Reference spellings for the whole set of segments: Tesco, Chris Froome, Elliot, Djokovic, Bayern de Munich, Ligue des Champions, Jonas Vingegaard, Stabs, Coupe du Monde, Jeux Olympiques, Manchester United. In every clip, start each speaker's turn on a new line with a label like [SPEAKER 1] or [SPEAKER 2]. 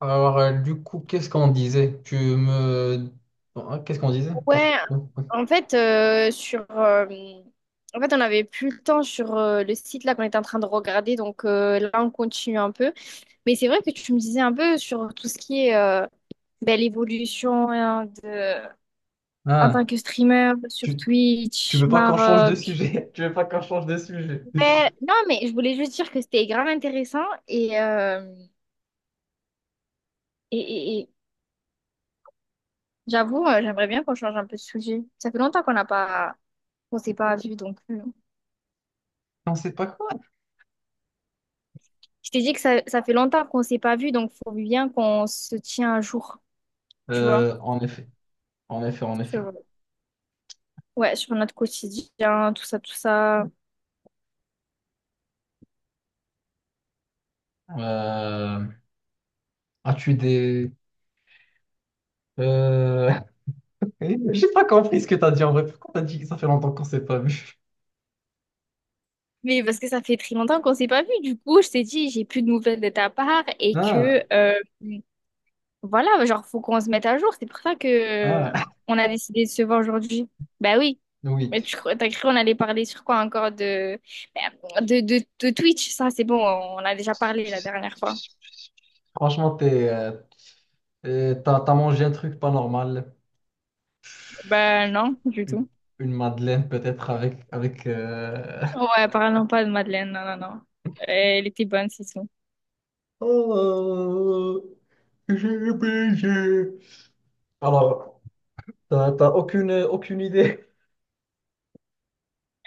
[SPEAKER 1] Alors, qu'est-ce qu'on disait? Tu me... qu'est-ce qu'on disait?
[SPEAKER 2] Ouais,
[SPEAKER 1] Bon, ouais.
[SPEAKER 2] en fait, sur, en fait, on n'avait plus le temps sur le site là qu'on était en train de regarder, donc là on continue un peu. Mais c'est vrai que tu me disais un peu sur tout ce qui est ben, l'évolution hein, de, en tant
[SPEAKER 1] Ah,
[SPEAKER 2] que streamer sur
[SPEAKER 1] tu, tu
[SPEAKER 2] Twitch,
[SPEAKER 1] veux pas qu'on change de
[SPEAKER 2] Maroc.
[SPEAKER 1] sujet? Tu veux pas qu'on change de sujet?
[SPEAKER 2] Ouais, non, mais je voulais juste dire que c'était grave intéressant et j'avoue, j'aimerais bien qu'on change un peu de sujet. Ça fait longtemps qu'on s'est pas vu donc.
[SPEAKER 1] On sait pas quoi?
[SPEAKER 2] Je t'ai dit que ça fait longtemps qu'on s'est pas vu, donc faut bien qu'on se tient à jour, tu vois,
[SPEAKER 1] Euh, en effet, en effet, en effet.
[SPEAKER 2] sur, ouais, sur notre quotidien, tout ça, tout ça.
[SPEAKER 1] Euh, As-tu des... Euh... J'ai pas compris ce que t'as dit en vrai. Pourquoi t'as dit que ça fait longtemps qu'on s'est pas vu?
[SPEAKER 2] Mais parce que ça fait très longtemps qu'on s'est pas vu, du coup, je t'ai dit, j'ai plus de nouvelles de ta part et
[SPEAKER 1] Ah,
[SPEAKER 2] que, voilà, genre, faut qu'on se mette à jour. C'est pour ça que euh,
[SPEAKER 1] ah,
[SPEAKER 2] on a décidé de se voir aujourd'hui. Bah oui,
[SPEAKER 1] oui.
[SPEAKER 2] mais t'as cru qu'on allait parler sur quoi encore de, ben, de Twitch, ça c'est bon, on en a déjà parlé la dernière fois.
[SPEAKER 1] Franchement, t'as mangé un truc pas normal.
[SPEAKER 2] Ben non, du
[SPEAKER 1] Une,
[SPEAKER 2] tout.
[SPEAKER 1] une madeleine peut-être avec...
[SPEAKER 2] Ouais, parlons pas de Madeleine, non, non, non. Elle était bonne, c'est tout.
[SPEAKER 1] Oh, j'ai oublié. Alors, t'as aucune, aucune idée?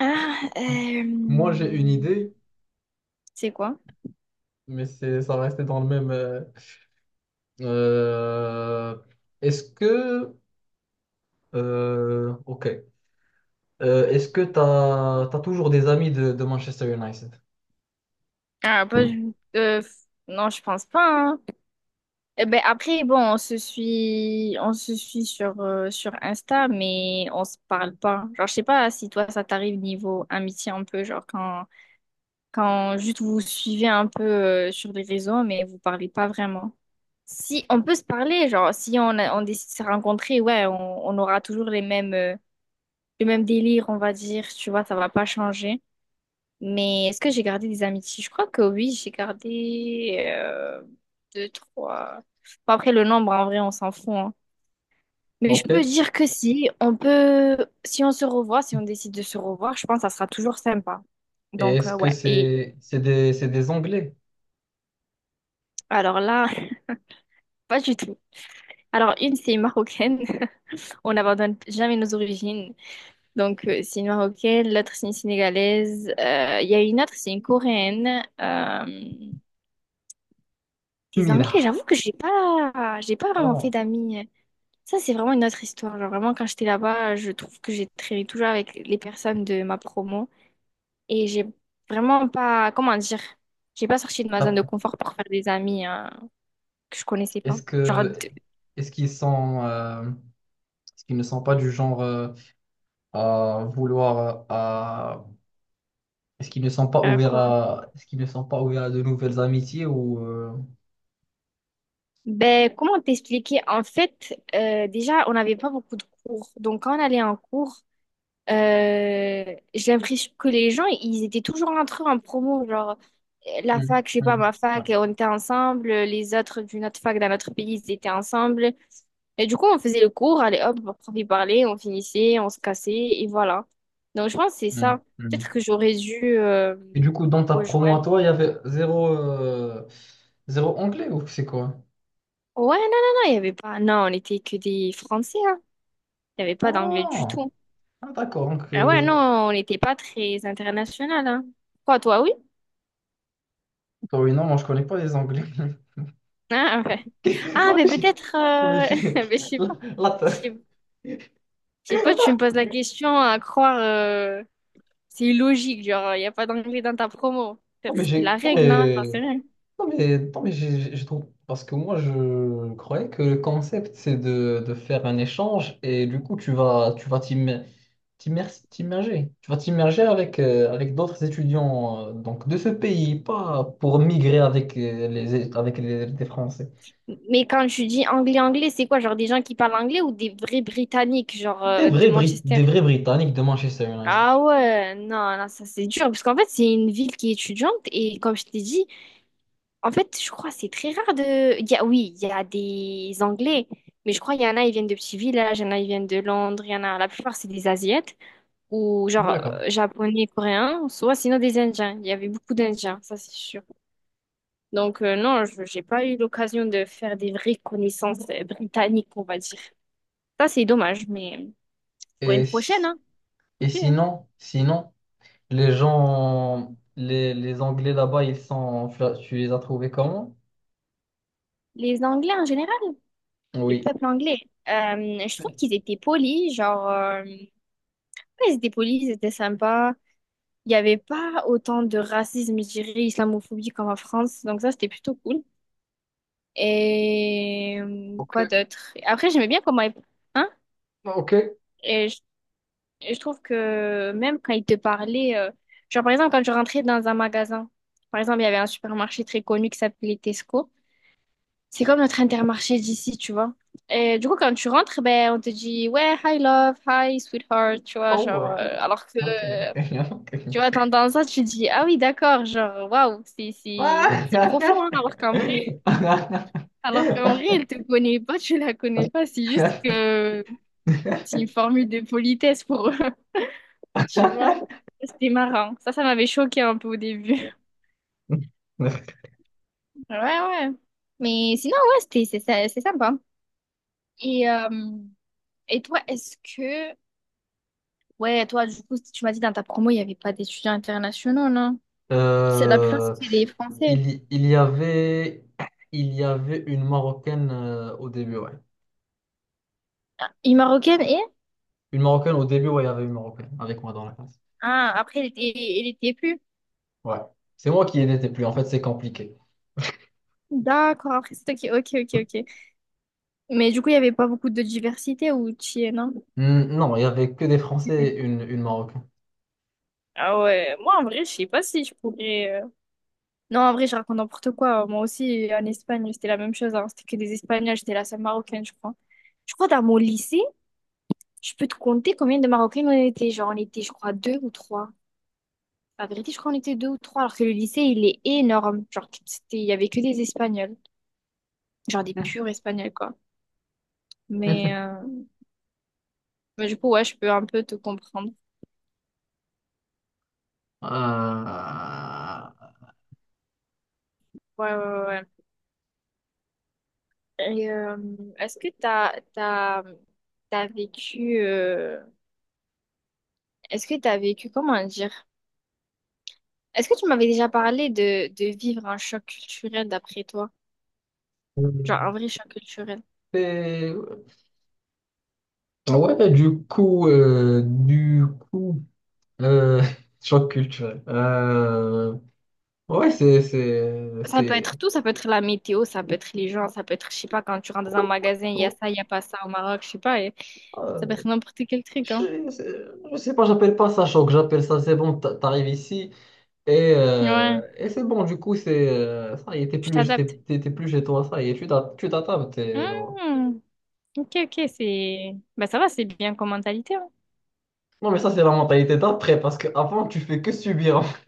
[SPEAKER 2] Ah,
[SPEAKER 1] Moi, j'ai une idée,
[SPEAKER 2] c'est quoi?
[SPEAKER 1] mais ça restait dans le même. Euh, Est-ce que. Ok. Est-ce que t'as toujours des amis de Manchester United?
[SPEAKER 2] Ah, bah, non, je pense pas, hein. Eh ben, après, bon, on se suit sur, sur Insta, mais on se parle pas. Genre, je sais pas si toi, ça t'arrive niveau amitié un peu, genre quand juste vous vous suivez un peu sur les réseaux, mais vous parlez pas vraiment. Si on peut se parler, genre, si on décide de se rencontrer, ouais, on aura toujours les mêmes, le même délire, on va dire, tu vois, ça va pas changer. Mais est-ce que j'ai gardé des amitiés? Je crois que oui, j'ai gardé deux, trois. Bon, après, le nombre, en vrai, on s'en fout, hein. Mais je
[SPEAKER 1] Ok.
[SPEAKER 2] peux
[SPEAKER 1] Et
[SPEAKER 2] dire que si, on peut, si on se revoit, si on décide de se revoir, je pense que ça sera toujours sympa. Donc,
[SPEAKER 1] est-ce que
[SPEAKER 2] ouais. Et
[SPEAKER 1] c'est des Anglais?
[SPEAKER 2] alors là, pas du tout. Alors, une, c'est une Marocaine. On n'abandonne jamais nos origines. Donc, c'est une Marocaine. L'autre, c'est une Sénégalaise. Il y a une autre, c'est une Coréenne. Des Anglais,
[SPEAKER 1] Mila.
[SPEAKER 2] j'avoue que j'ai pas
[SPEAKER 1] Ah
[SPEAKER 2] vraiment fait
[SPEAKER 1] bon.
[SPEAKER 2] d'amis. Ça, c'est vraiment une autre histoire. Genre, vraiment, quand j'étais là-bas, je trouve que j'ai traîné toujours avec les personnes de ma promo. Et j'ai vraiment pas, comment dire, j'ai pas sorti de ma zone
[SPEAKER 1] T'as-
[SPEAKER 2] de confort pour faire des amis hein, que je connaissais pas.
[SPEAKER 1] Est-ce
[SPEAKER 2] Genre,
[SPEAKER 1] que est-ce qu'ils sont est-ce qu'ils ne sont pas du genre à vouloir à... Est-ce qu'ils ne sont pas ouverts
[SPEAKER 2] quoi?
[SPEAKER 1] à... Est-ce qu'ils ne sont pas ouverts à de nouvelles amitiés ou...
[SPEAKER 2] Ben, comment t'expliquer? En fait, déjà, on n'avait pas beaucoup de cours. Donc, quand on allait en cours, j'ai l'impression que les gens, ils étaient toujours entre eux en promo. Genre, la
[SPEAKER 1] Mhm,
[SPEAKER 2] fac, je sais pas,
[SPEAKER 1] mhm,
[SPEAKER 2] ma
[SPEAKER 1] ouais,
[SPEAKER 2] fac, on était ensemble. Les autres d'une autre fac dans notre pays, ils étaient ensemble. Et du coup, on faisait le cours, allez hop, on prof il parlait, on finissait, on se cassait, et voilà. Donc, je pense que c'est
[SPEAKER 1] mhm,
[SPEAKER 2] ça.
[SPEAKER 1] mhm.
[SPEAKER 2] Peut-être que j'aurais dû
[SPEAKER 1] Et du coup, dans ta promo
[SPEAKER 2] rejoindre.
[SPEAKER 1] à toi, il y avait zéro anglais ou c'est quoi?
[SPEAKER 2] Ouais, non, non, non, il y avait pas. Non, on n'était que des Français, hein. Il n'y avait pas d'anglais du
[SPEAKER 1] Ah,
[SPEAKER 2] tout.
[SPEAKER 1] Ah, d'accord. Donc,
[SPEAKER 2] Ah
[SPEAKER 1] euh,
[SPEAKER 2] ouais, non,
[SPEAKER 1] vous-
[SPEAKER 2] on n'était pas très international, hein. Quoi, toi, oui?
[SPEAKER 1] Ah oui, non, moi, je connais pas les anglais.
[SPEAKER 2] Ah, ouais. Ah,
[SPEAKER 1] Non,
[SPEAKER 2] mais
[SPEAKER 1] mais j'ai...
[SPEAKER 2] peut-être,
[SPEAKER 1] non, mais j'ai-
[SPEAKER 2] mais je sais
[SPEAKER 1] Là,
[SPEAKER 2] pas.
[SPEAKER 1] t'as-
[SPEAKER 2] Je sais je sais pas, tu me poses la question à croire, c'est illogique, genre, il n'y a pas d'anglais dans ta promo.
[SPEAKER 1] non,
[SPEAKER 2] Peut-être que
[SPEAKER 1] mais
[SPEAKER 2] c'était
[SPEAKER 1] j'ai...
[SPEAKER 2] la règle, hein, j'en sais rien.
[SPEAKER 1] Non mais, non, mais je trouve, parce que moi je croyais que le concept c'est de faire un échange et du coup tu vas t'immerger. Tu vas t'immerger avec d'autres étudiants donc de ce pays, pas pour migrer avec avec les, des Français.
[SPEAKER 2] Mais quand tu dis anglais-anglais, c'est quoi? Genre des gens qui parlent anglais ou des vrais Britanniques, genre
[SPEAKER 1] Des
[SPEAKER 2] de
[SPEAKER 1] vrais,
[SPEAKER 2] Manchester?
[SPEAKER 1] des vrais Britanniques de Manchester United.
[SPEAKER 2] Ah ouais, non, non, ça c'est dur. Parce qu'en fait, c'est une ville qui est étudiante et comme je t'ai dit, en fait, je crois que c'est très rare de... il y a- oui, il y a des Anglais, mais je crois qu'il y en a, ils viennent de petits villages, il y en a, ils viennent de Londres, il y en a... La plupart, c'est des Asiates, ou genre
[SPEAKER 1] D'accord.
[SPEAKER 2] Japonais, Coréens, soit sinon des Indiens. Il y avait beaucoup d'Indiens, ça c'est sûr. Donc non, je j'ai pas eu l'occasion de faire des vraies connaissances britanniques, on va dire. Ça, c'est dommage, mais pour
[SPEAKER 1] Et,
[SPEAKER 2] une prochaine,
[SPEAKER 1] si-
[SPEAKER 2] hein. On
[SPEAKER 1] Et
[SPEAKER 2] sait, hein.
[SPEAKER 1] sinon, sinon, les Anglais là-bas, ils sont, tu les as trouvés comment?
[SPEAKER 2] Les Anglais en général, le
[SPEAKER 1] Oui.
[SPEAKER 2] peuple anglais, je trouve qu'ils étaient polis, genre... ouais, ils étaient polis, ils étaient sympas. Il n'y avait pas autant de racisme, je dirais, islamophobie comme en France. Donc ça, c'était plutôt cool. Et
[SPEAKER 1] Ok.
[SPEAKER 2] quoi d'autre? Après, j'aimais bien comment... Hein?
[SPEAKER 1] Okay.
[SPEAKER 2] Et je, et je trouve que même quand ils te parlaient genre, par exemple, quand je rentrais dans un magasin, par exemple, il y avait un supermarché très connu qui s'appelait Tesco. C'est comme notre Intermarché d'ici, tu vois. Et du coup, quand tu rentres, ben, on te dit, ouais, hi love, hi sweetheart, tu vois,
[SPEAKER 1] All
[SPEAKER 2] genre,
[SPEAKER 1] right.
[SPEAKER 2] alors que
[SPEAKER 1] Okay, okay,
[SPEAKER 2] tu vois,
[SPEAKER 1] okay.
[SPEAKER 2] t'entends ça, tu dis, ah oui, d'accord, genre, waouh, c'est profond, hein, alors qu'en vrai, elle te connaît pas, tu la connais pas, c'est juste que c'est une formule de politesse pour eux, tu vois. C'était marrant. Ça m'avait choqué un peu au début. Ouais, ouais. Mais sinon, ouais, c'est sympa. Et, euh, et toi, est-ce que, ouais, toi, du coup, tu m'as dit dans ta promo, il n'y avait pas d'étudiants internationaux, non? C'est la plupart,
[SPEAKER 1] Euh,
[SPEAKER 2] c'était des Français.
[SPEAKER 1] il y avait, il y avait une Marocaine au début, ouais.
[SPEAKER 2] Une Marocaine et?
[SPEAKER 1] Une Marocaine au début, ouais, il y avait une Marocaine avec moi dans la classe.
[SPEAKER 2] Ah, après, elle était plus.
[SPEAKER 1] Ouais. C'est moi qui n'étais plus, en fait, c'est compliqué.
[SPEAKER 2] D'accord, c'est ok, ok, ok, ok. Mais du coup, il n'y avait pas beaucoup de diversité ou tu y es, non?
[SPEAKER 1] Hmm, non, il y avait que des Français
[SPEAKER 2] C'était-
[SPEAKER 1] et une Marocaine.
[SPEAKER 2] Ah ouais, moi en vrai, je sais pas si je pourrais, non, en vrai, je raconte n'importe quoi. Moi aussi, en Espagne, c'était la même chose, hein. C'était que des Espagnols, j'étais la seule Marocaine, je crois. Je crois, dans mon lycée, je peux te compter combien de Marocaines on était. Genre, on était, je crois, deux ou trois. La vérité, je crois, on était deux ou trois, alors que le lycée, il est énorme. Genre, c'était, il y avait que des Espagnols. Genre, des purs Espagnols, quoi. Mais, euh, mais du coup, ouais, je peux un peu te comprendre.
[SPEAKER 1] Euh,
[SPEAKER 2] Ouais, ouais, ouais. Et est-ce que t'as t'as t'as vécu euh, est-ce que t'as vécu comment dire? Est-ce que tu m'avais déjà parlé de vivre un choc culturel d'après toi? Genre un vrai choc culturel.
[SPEAKER 1] c'est- Ah ouais, du coup, coup, euh, choc culturel. Ouais,
[SPEAKER 2] Ça peut
[SPEAKER 1] c'est.
[SPEAKER 2] être tout, ça peut être la météo, ça peut être les gens, ça peut être je sais pas quand tu rentres dans un magasin, il y a
[SPEAKER 1] oh,
[SPEAKER 2] ça, il y a pas ça au Maroc, je sais pas, et
[SPEAKER 1] euh,
[SPEAKER 2] ça peut être n'importe quel truc hein.
[SPEAKER 1] je, c'est- je sais pas, j'appelle pas ça choc, j'appelle ça c'est bon, t'arrives ici
[SPEAKER 2] Ouais,
[SPEAKER 1] et c'est bon. Du coup, c'est ça, y est,
[SPEAKER 2] tu t'adaptes.
[SPEAKER 1] t'es plus chez toi, ça y est, tu t'attapes. T'es- ouais.
[SPEAKER 2] Hmm, ok, ok, c'est... Bah ça va, c'est bien comme mentalité, hein.
[SPEAKER 1] Non, mais ça c'est la mentalité d'après, parce qu'avant tu fais que subir.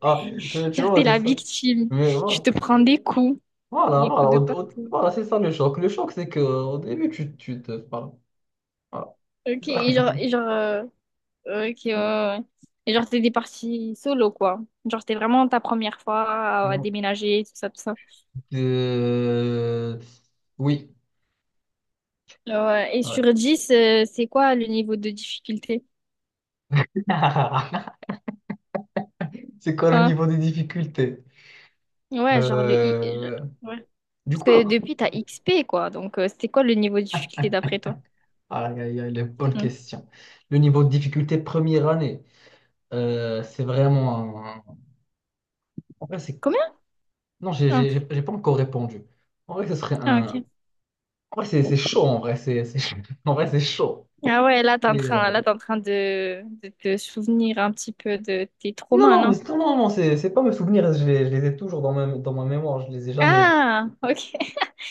[SPEAKER 1] Ah, Tu
[SPEAKER 2] Genre,
[SPEAKER 1] vois,
[SPEAKER 2] t'es
[SPEAKER 1] c'est
[SPEAKER 2] la
[SPEAKER 1] ça.
[SPEAKER 2] victime,
[SPEAKER 1] Mais ouais.
[SPEAKER 2] tu te prends des coups.
[SPEAKER 1] Voilà,
[SPEAKER 2] Des coups
[SPEAKER 1] voilà,
[SPEAKER 2] de partout.
[SPEAKER 1] voilà, c'est ça le choc. Le choc, c'est que au début, tu te. Voilà, voilà,
[SPEAKER 2] Ok,
[SPEAKER 1] c'est ça.
[SPEAKER 2] et genre, et genre, euh, ok, ouais, ouais. Et genre, t'es des parties solo, quoi. Genre, c'était vraiment ta première fois à déménager, tout ça, tout ça.
[SPEAKER 1] Euh, oui.
[SPEAKER 2] Ouais, et
[SPEAKER 1] Ouais.
[SPEAKER 2] sur 10, c'est quoi le niveau de difficulté?
[SPEAKER 1] C'est quoi le
[SPEAKER 2] Ouais,
[SPEAKER 1] niveau des difficultés?
[SPEAKER 2] ouais, genre le I,
[SPEAKER 1] Euh,
[SPEAKER 2] ouais.
[SPEAKER 1] Du
[SPEAKER 2] Parce
[SPEAKER 1] coup,
[SPEAKER 2] que
[SPEAKER 1] là,
[SPEAKER 2] depuis, t'as XP, quoi. Donc, c'était quoi le niveau de difficulté d'après toi?
[SPEAKER 1] aïe, aïe, aïe, les bonnes
[SPEAKER 2] Hmm.
[SPEAKER 1] questions. Le niveau de difficulté première année, c'est vraiment un- En vrai, c'est...
[SPEAKER 2] Combien?
[SPEAKER 1] Non,
[SPEAKER 2] Ah,
[SPEAKER 1] j'ai pas encore répondu. En vrai, ce serait
[SPEAKER 2] ah,
[SPEAKER 1] un...
[SPEAKER 2] ok.
[SPEAKER 1] En vrai, c'est chaud, en vrai, c'est chaud. En vrai, c'est chaud.
[SPEAKER 2] Ah ouais, là, t'es en train, là, t'es en train de te souvenir un petit peu de tes
[SPEAKER 1] Non,
[SPEAKER 2] traumas,
[SPEAKER 1] non, mais
[SPEAKER 2] non?
[SPEAKER 1] non, non, non, c'est pas mes souvenirs, je les ai toujours dans dans ma mémoire, je les ai jamais.
[SPEAKER 2] Ah, ok.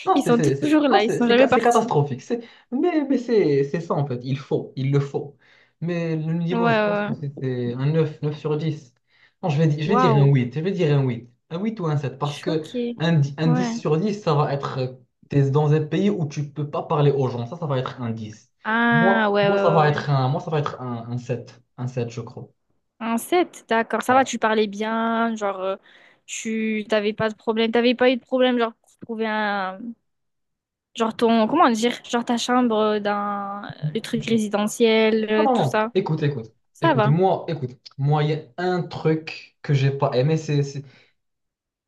[SPEAKER 1] Non,
[SPEAKER 2] Ils sont toujours
[SPEAKER 1] non,
[SPEAKER 2] là, ils sont jamais
[SPEAKER 1] c'est
[SPEAKER 2] partis.
[SPEAKER 1] catastrophique, c'est mais c'est ça en fait, il le faut. Mais le
[SPEAKER 2] Ouais, ouais,
[SPEAKER 1] niveau, je pense que
[SPEAKER 2] ouais.
[SPEAKER 1] c'était un neuf sur dix. Non, je vais dire un
[SPEAKER 2] Waouh,
[SPEAKER 1] huit je vais dire un 8 ou un 7 parce que
[SPEAKER 2] choquée.
[SPEAKER 1] un
[SPEAKER 2] Ouais.
[SPEAKER 1] dix sur dix ça va être t'es dans un pays où tu peux pas parler aux gens, ça va être un 10.
[SPEAKER 2] Ah,
[SPEAKER 1] Moi,
[SPEAKER 2] ouais,
[SPEAKER 1] moi ça
[SPEAKER 2] ouais, ouais,
[SPEAKER 1] va être
[SPEAKER 2] ouais.
[SPEAKER 1] un, moi, ça va être un 7, je crois.
[SPEAKER 2] Un sept, d'accord. Ça
[SPEAKER 1] Ouais.
[SPEAKER 2] va, tu parlais bien, genre, tu t'avais pas de problème, t'avais pas eu de problème, genre, pour trouver un. Genre, ton. Comment dire? Genre, ta chambre dans le truc résidentiel,
[SPEAKER 1] Non, non,
[SPEAKER 2] tout
[SPEAKER 1] non.
[SPEAKER 2] ça.
[SPEAKER 1] Écoute, écoute,
[SPEAKER 2] Ça va.
[SPEAKER 1] écoute, moi, il y a un truc que j'ai pas aimé,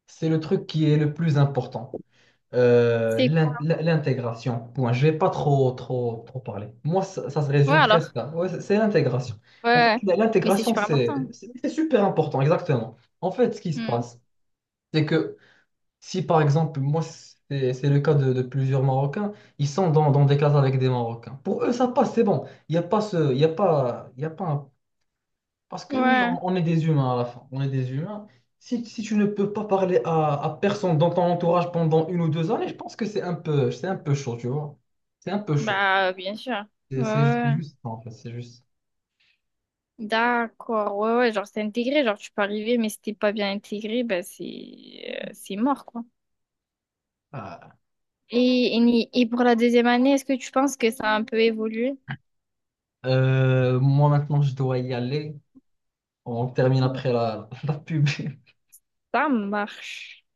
[SPEAKER 1] c'est le truc qui est le plus important.
[SPEAKER 2] C'est quoi?
[SPEAKER 1] L'intégration. Point. Je vais pas trop, trop, trop parler. Moi, ça se
[SPEAKER 2] Ouais,
[SPEAKER 1] résume presque
[SPEAKER 2] alors.
[SPEAKER 1] là. Ouais, c'est l'intégration. En fait,
[SPEAKER 2] Ouais. Mais c'est
[SPEAKER 1] l'intégration,
[SPEAKER 2] super important.
[SPEAKER 1] c'est super important, exactement. En fait, ce qui se
[SPEAKER 2] Hmm.
[SPEAKER 1] passe, c'est que si, par exemple, moi, c'est le cas de plusieurs Marocains, ils sont dans, dans des classes avec des Marocains. Pour eux, ça passe, c'est bon. Il n'y a pas ce, il y a pas, Il y a pas un, parce que oui,
[SPEAKER 2] Ouais.
[SPEAKER 1] on est des humains à la fin. On est des humains. Si, si tu ne peux pas parler à personne dans ton entourage pendant une ou deux années, je pense que c'est un peu chaud, tu vois. C'est un peu chaud.
[SPEAKER 2] Bah, bien sûr. Ouais, ouais,
[SPEAKER 1] C'est
[SPEAKER 2] ouais.
[SPEAKER 1] juste ça, en fait. C'est juste.
[SPEAKER 2] D'accord, ouais, ouais, genre c'est intégré, genre tu peux arriver, mais si t'es pas bien intégré, ben c'est mort, quoi.
[SPEAKER 1] Ah.
[SPEAKER 2] Et, et pour la deuxième année, est-ce que tu penses que ça a un peu évolué?
[SPEAKER 1] Moi, maintenant, je dois y aller. On termine après la pub.
[SPEAKER 2] Ça marche.